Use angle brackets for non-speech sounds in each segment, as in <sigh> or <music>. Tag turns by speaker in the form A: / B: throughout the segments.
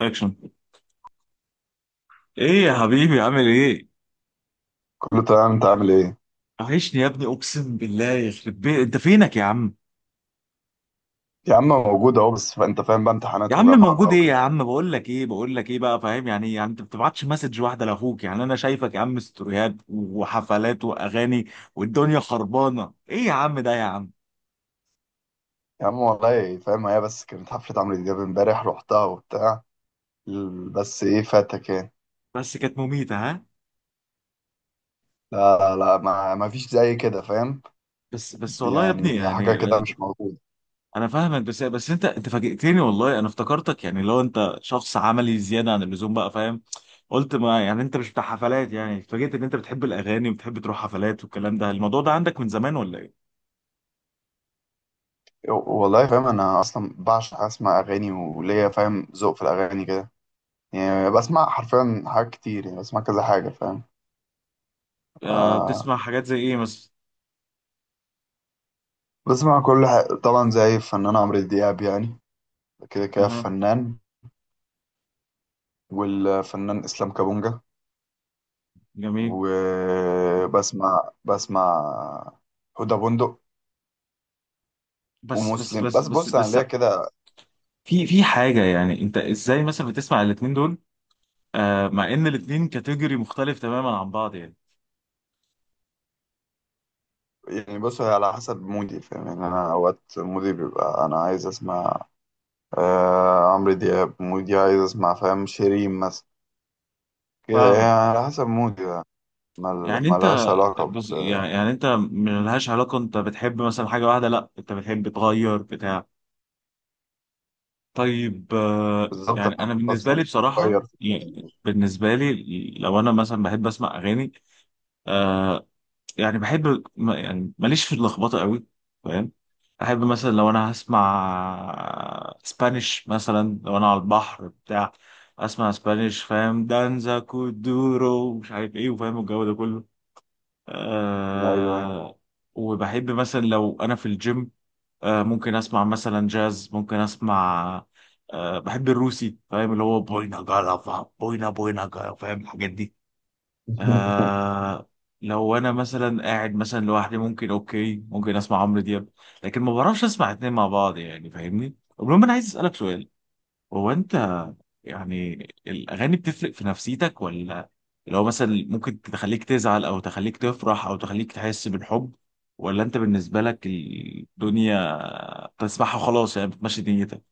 A: اكشن. ايه يا حبيبي، عامل ايه؟
B: كله تمام، انت عامل ايه؟
A: وحشني يا ابني، اقسم بالله يخرب بيت، انت فينك يا عم؟
B: يا عم موجود اهو، بس انت فاهم بقى،
A: يا
B: امتحانات
A: عم
B: وجامعه
A: موجود.
B: بقى
A: ايه يا
B: وكده.
A: عم؟ بقول لك ايه، بقول لك ايه بقى، فاهم يعني إيه؟ يعني انت ما بتبعتش مسج واحده لاخوك؟ يعني انا شايفك يا عم ستوريات وحفلات واغاني والدنيا خربانه. ايه يا عم ده يا عم؟
B: يا عم والله فاهم، هي بس كانت حفله عمرو دياب امبارح رحتها وبتاع بس ايه فاتك يعني.
A: بس كانت مميته، ها؟
B: لا لا، ما فيش زي كده فاهم،
A: بس بس والله يا ابني
B: يعني حاجه
A: يعني.
B: كده مش موجوده.
A: انا فاهمك، بس بس انت فاجئتني والله. انا افتكرتك يعني لو انت شخص عملي زياده عن اللزوم بقى، فاهم؟ قلت ما يعني انت مش بتاع حفلات. يعني اتفاجئت ان انت بتحب الاغاني وبتحب تروح حفلات والكلام ده. الموضوع ده عندك من زمان ولا ايه؟
B: والله فاهم، انا اصلا بعشق اسمع اغاني وليا فاهم ذوق في الاغاني كده. يعني بسمع حرفيا حاجات كتير، يعني بسمع كذا حاجه فاهم.
A: آه،
B: ف-
A: بتسمع حاجات زي ايه مثلا؟
B: بسمع كل حاجه طبعا، زي الفنان عمرو دياب يعني، كده كده
A: اها.
B: فنان. والفنان اسلام كابونجا.
A: جميل.
B: وبسمع هدى بندق
A: بس بس
B: ومسلم.
A: بس
B: بس
A: بس
B: بص انا
A: بس.
B: ليا كده،
A: في حاجه، يعني انت ازاي مثلا بتسمع الاتنين دول؟ آه، مع ان الاتنين كاتيجوري مختلف تماما عن بعض يعني.
B: يعني بص هي على حسب مودي فاهم. يعني انا اوقات مودي بيبقى انا عايز اسمع آه عمرو دياب، مودي عايز اسمع فاهم شيرين مثلا، كده يعني
A: فاهمك.
B: على حسب مودي يعني.
A: يعني انت،
B: ملهاش علاقة.
A: بص،
B: ب-
A: يعني انت ملهاش علاقة؟ انت بتحب مثلا حاجة واحدة، لا انت بتحب تغير، بتاع؟ طيب آه،
B: بالظبط،
A: يعني
B: انا
A: انا بالنسبة لي
B: اصلا
A: بصراحة،
B: بغير
A: يعني بالنسبة لي لو انا مثلا بحب اسمع اغاني، آه، يعني بحب يعني ماليش في اللخبطة قوي، فاهم؟ احب مثلا لو انا هسمع اسبانيش، مثلا لو انا على البحر بتاع، اسمع اسبانيش. فاهم دانزا كودورو، مش عارف ايه، وفاهم الجو ده كله.
B: ايوه.
A: آه. وبحب مثلا لو انا في الجيم، آه، ممكن اسمع مثلا جاز، ممكن اسمع آه، بحب الروسي، فاهم، اللي هو بوينا جالافا، بوينا بوينا جالافا، فاهم الحاجات دي.
B: <laughs>
A: آه. لو انا مثلا قاعد مثلا لوحدي، ممكن اوكي، ممكن اسمع عمرو دياب. لكن ما بعرفش اسمع اتنين مع بعض يعني، فاهمني؟ المهم انا عايز اسالك سؤال. هو انت يعني الاغاني بتفرق في نفسيتك ولا؟ لو مثلا ممكن تخليك تزعل او تخليك تفرح او تخليك تحس بالحب، ولا انت بالنسبه لك الدنيا بتسمعها خلاص، يعني بتمشي دنيتك؟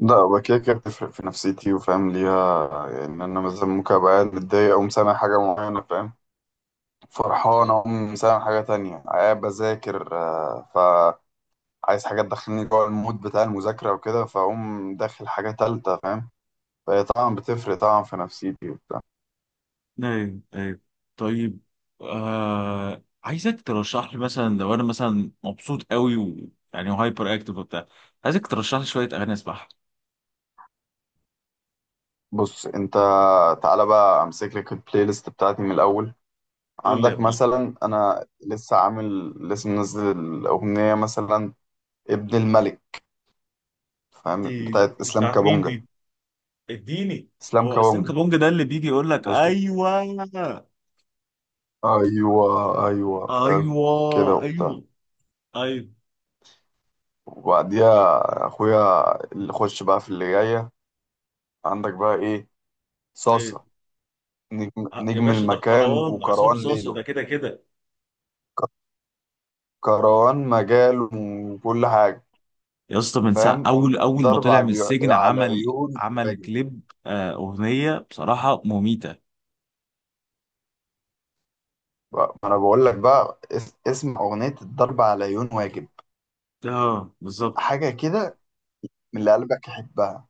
B: لا، هو كده كده بتفرق في نفسيتي وفاهم ليها. يعني انا مثلا ممكن ابقى قاعد متضايق، اقوم سامع حاجه معينه فاهم، فرحان
A: أيوة.
B: اقوم سامع حاجه تانية، قاعد بذاكر، فعايز حاجه تدخلني جوه المود بتاع المذاكره وكده، فاقوم داخل حاجه تالتة فاهم. فهي طبعا بتفرق طبعا في نفسيتي وبتاع.
A: ايوه ايوه. طيب آه، عايزك ترشح لي مثلا لو انا مثلا مبسوط قوي و، يعني، هايبر اكتيف وبتاع، عايزك ترشح لي شويه اغاني اسمعها.
B: بص انت، تعالى بقى امسك لك البلاي ليست بتاعتي من الاول.
A: قول لي يا
B: عندك
A: ابني.
B: مثلا، انا لسه عامل لسه منزل الاغنيه مثلا ابن الملك فاهم،
A: دي
B: بتاعت اسلام
A: بتاعت مين
B: كابونجا.
A: دي؟ اديني.
B: اسلام
A: هو اسلام
B: كوانجا.
A: كابونج ده اللي بيجي يقول لك
B: ماشي.
A: ايوه ايوه؟
B: ايوه، ايوه فاهم، كده
A: ايوه
B: وبتاع.
A: ايوه ايوه.
B: وبعديها اخويا اللي خش بقى في اللي جايه، عندك بقى ايه؟ صاصه،
A: يا
B: نجم
A: باشا، ده
B: المكان
A: الكروان عصام
B: وكروان
A: صاصا
B: ليله.
A: ده، كده كده.
B: ك- كروان مجاله وكل حاجه
A: يا اسطى، من ساعه
B: فاهم.
A: اول اول ما
B: ضرب
A: طلع
B: على
A: من السجن
B: على
A: عمل
B: العيون
A: عمل
B: واجب.
A: كليب، آه، اغنيه بصراحه مميته.
B: ما انا بقول لك بقى، اسم اغنيه الضرب على العيون واجب،
A: اه، بالظبط.
B: حاجه كده من اللي قلبك يحبها،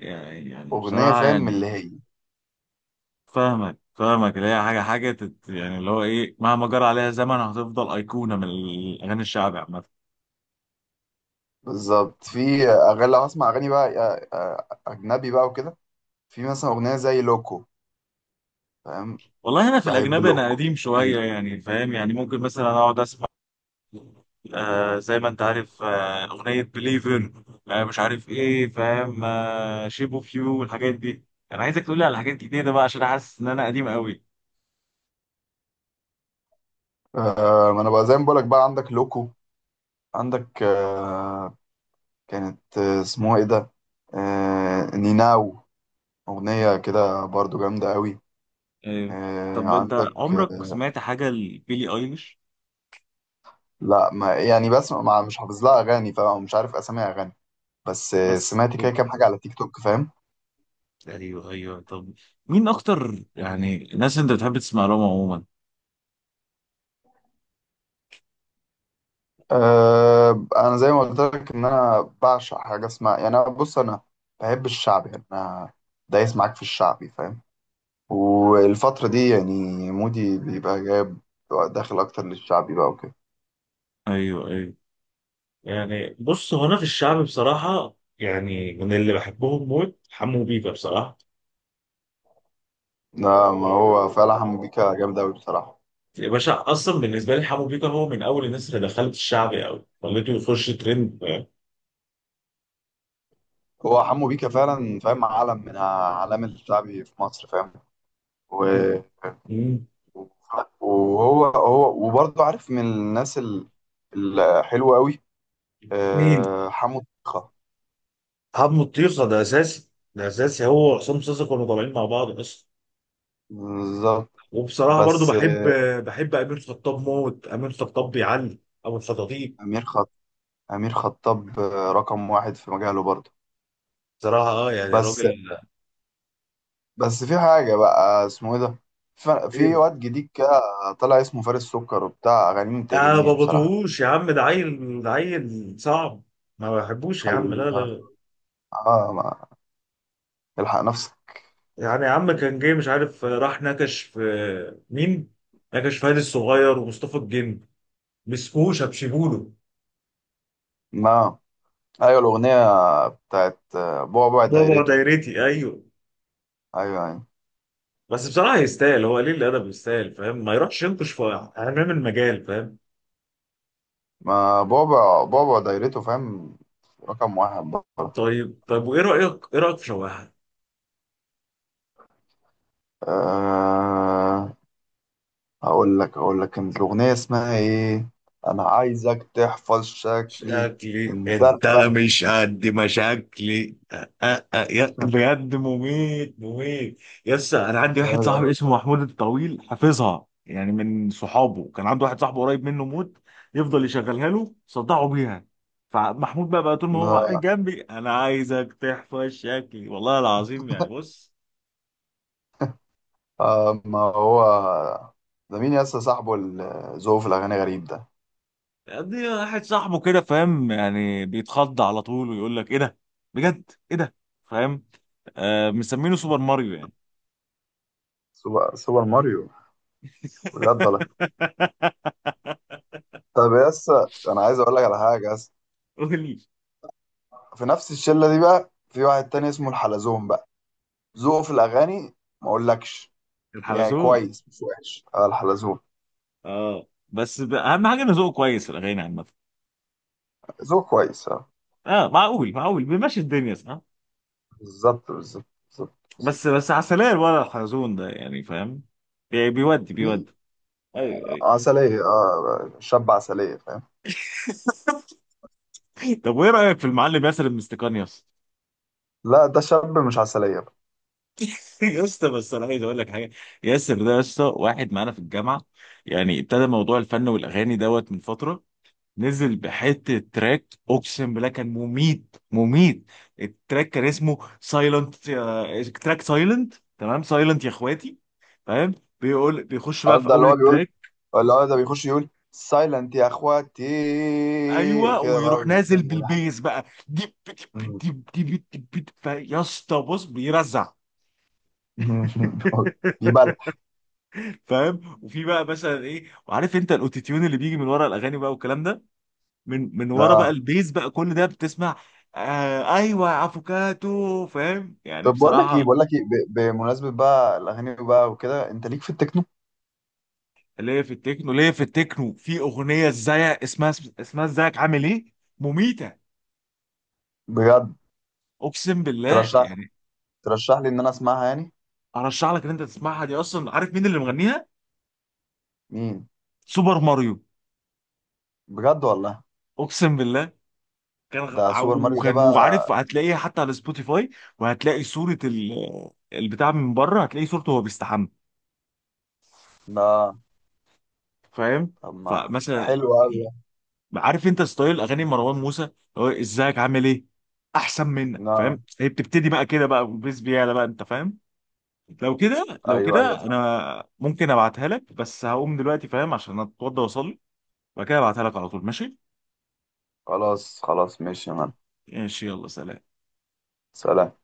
A: يعني
B: اغنيه
A: بصراحه
B: فاهم من
A: يعني،
B: اللي هي.
A: فاهمك فاهمك، اللي هي حاجه حاجه تت، يعني اللي هو ايه، مهما جرى عليها زمن هتفضل ايقونه من الاغاني الشعبي عامه.
B: بالظبط، في اغاني لو هسمع اغاني بقى اجنبي بقى وكده، في مثلا اغنيه زي لوكو فاهم،
A: والله انا في
B: بحب
A: الاجنبي انا
B: لوكو.
A: قديم شويه يعني، فاهم؟ يعني ممكن مثلا اقعد اسمع آه زي ما انت عارف، آه، اغنيه بليفر، آه، مش عارف ايه، فاهم، آه، شيب اوف يو والحاجات دي. انا عايزك تقول لي على حاجات جديده بقى عشان حاسس ان انا قديم قوي.
B: آه، ما انا بقى زي ما بقولك بقى، عندك لوكو، عندك، كانت، اسمها ايه ده، نيناو، اغنيه كده برضو جامده قوي.
A: آه. طب انت
B: عندك.
A: عمرك سمعت حاجه لبيلي ايليش؟
B: لا، ما يعني، بس ما مش حافظ لها اغاني، فمش عارف اسامي اغاني، بس
A: بس.
B: سمعت كده كام حاجه على تيك توك فاهم.
A: ايوه ايوه. طب مين اكتر يعني الناس انت بتحب تسمع لهم عموما؟
B: انا زي ما قلت لك، ان انا بعشق حاجه اسمها يعني، انا بص، انا بحب الشعب يعني، انا دايس معاك في الشعبي فاهم. والفتره دي يعني مودي بيبقى جايب داخل اكتر للشعبي بقى وكده.
A: ايوه ايوه. يعني بص، هو انا في الشعب بصراحه يعني من اللي بحبهم موت حمو بيكا بصراحه.
B: لا، ما هو فعلا حمو بيكا جامد قوي بصراحه.
A: يا باشا اصلا بالنسبه لي حمو بيكا هو من اول الناس اللي دخلت الشعبي او خليته يخش ترند.
B: هو حمو بيكا فعلا فاهم، عالم من اعلام الشعبي في مصر فاهم. و-
A: مم.
B: وهو هو وبرضه عارف من الناس، الحلوه قوي.
A: مين؟
B: حمو بيكا.
A: حمو الطيخه ده اساسي. ده اساسي، هو وعصام صاصا كانوا طالعين مع بعض اصلا.
B: بالظبط.
A: وبصراحه برضو
B: بس
A: بحب، بحب امير خطاب موت، امير خطاب بيعلي ابو الخطاطيب.
B: امير خط امير خطاب رقم واحد في مجاله برضه.
A: بصراحه اه، يعني
B: بس
A: راجل.
B: بس في حاجه بقى اسمه ايه ده،
A: ايه
B: في
A: ده؟
B: واد جديد كده طلع اسمه فارس سكر، وبتاع اغانيه ما
A: يا
B: بتعجبنيش
A: بابا
B: بصراحه.
A: طوش يا عم، ده عيل، ده عيل صعب. ما بحبوش يا
B: هي
A: عم، لا لا لا.
B: اه، ما الحق نفسك.
A: يعني يا عم كان جاي مش عارف راح نكش في، مين؟ نكش في هاني الصغير ومصطفى الجن. مسكوه شبشبوله.
B: ما ايوه، الاغنيه بتاعت بعبع
A: بابا
B: دايرته.
A: دايرتي، ايوه.
B: ايوه يعني،
A: بس بصراحه يستاهل، هو قليل الادب يستاهل، فاهم، ما يروحش ينقش في حمام المجال، فاهم؟
B: ما بعبع بعبع دايرته فاهم، رقم واحد بقى.
A: طيب طيب. وايه رايك، ايه رايك في شواحه؟
B: آه، اقول لك كانت الاغنيه اسمها ايه، انا عايزك تحفظ شكلي،
A: شكلي
B: انت
A: انت، لا
B: بقى،
A: مش قد مشاكلي، بجد مميت مميت. يس انا عندي واحد
B: جامد
A: صاحبي
B: أوي.
A: اسمه محمود الطويل حافظها، يعني من صحابه كان عنده واحد صاحبه قريب منه موت، يفضل يشغلها له، صدعه بيها. فمحمود بقى طول ما هو قاعد
B: ما،
A: جنبي: انا عايزك تحفظ شكلي، والله العظيم، يعني بص.
B: ما هو ده مين يس، صاحبه اللي ذوقه في الاغاني غريب ده.
A: دي واحد صاحبه كده، فاهم، يعني بيتخض على طول ويقول لك ايه ده، بجد ايه ده، فاهم؟ آه، مسمينه سوبر ماريو يعني.
B: سوبر ماريو، بجد ولا؟
A: <laughs>
B: طب يس، انا عايز اقول لك على حاجه يس،
A: قولي.
B: في نفس الشله دي بقى في واحد تاني اسمه الحلزون بقى، ذوقه في الاغاني ما اقولكش، يعني
A: الحلزون.
B: كويس مش وحش، الحلزون.
A: اه بس اهم حاجه انه ذوقه كويس في الاغاني عامه.
B: ذوقه كويس اه.
A: اه، معقول معقول، بيمشي الدنيا صح.
B: بالظبط، بالظبط، بالظبط.
A: بس بس عسلية ولا الحلزون ده يعني، فاهم، بيودي
B: بالظبط.
A: بيودي. ايوه ايوه.
B: عسلية، شاب عسلية فاهم.
A: <laughs> طب وايه رايك في المعلم ياسر المستكان يا اسطى؟
B: لا، ده شاب مش عسلية بقى.
A: <laughs> يا اسطى بس انا عايز اقول لك حاجه. ياسر ده يا اسطى واحد معانا في الجامعه، يعني ابتدى موضوع الفن والاغاني دوت من فتره. نزل بحته تراك اقسم بالله كان مميت مميت. التراك كان اسمه سايلنت. تراك سايلنت، تمام، سايلنت يا اخواتي، فاهم؟ بيقول، بيخش بقى
B: اه،
A: في
B: ده اللي
A: اول
B: هو بيقول،
A: التراك،
B: اللي هو ده بيخش يقول سايلنت يا اخواتي،
A: ايوه،
B: كده بقى
A: ويروح نازل
B: فاهم ويلحن.
A: بالبيز بقى. ديب ديب ديب ديب ديب ديب. يا اسطى بص بيرزع.
B: يبلع.
A: <laughs> فاهم؟ وفي بقى مثلا ايه، وعارف انت الاوتوتيون اللي بيجي من ورا الاغاني بقى والكلام ده، من
B: <laughs>
A: ورا بقى
B: اه،
A: البيز بقى كل ده بتسمع. آه ايوه يا افوكاتو، فاهم يعني
B: طب بقول لك
A: بصراحه.
B: ايه، بمناسبة بقى الاغاني بقى وكده، انت ليك في التكنو؟
A: ليه في التكنو، ليه في التكنو، في اغنيه ازاي اسمها، اسمها ازيك عامل ايه، مميته،
B: بجد؟
A: اقسم بالله
B: ترشح
A: يعني.
B: ترشح لي ان انا اسمعها يعني.
A: ارشح لك ان انت تسمعها. دي اصلا عارف مين اللي مغنيها؟
B: مين؟
A: سوبر ماريو.
B: بجد والله،
A: اقسم بالله. كان
B: ده سوبر ماريو ده
A: وكان
B: بقى.
A: وعارف هتلاقيها حتى على سبوتيفاي. وهتلاقي صوره البتاع، من بره هتلاقي صورته وهو بيستحمى،
B: لا،
A: فاهم؟
B: طب ما
A: فمثلا
B: حلو قوي ده.
A: عارف انت ستايل اغاني مروان موسى؟ هو ازيك عامل ايه احسن منك،
B: لا،
A: فاهم؟ هي بتبتدي بقى كده بقى والبيس بيعلى بقى، انت فاهم؟ لو كده لو
B: ايوه ايوه
A: كده
B: صح،
A: انا ممكن ابعتها لك، بس هقوم دلوقتي فاهم عشان اتوضى واصلي. وبعد كده ابعتها لك على طول، ماشي؟
B: خلاص خلاص ماشي.
A: ماشي، يلا سلام.
B: سلام.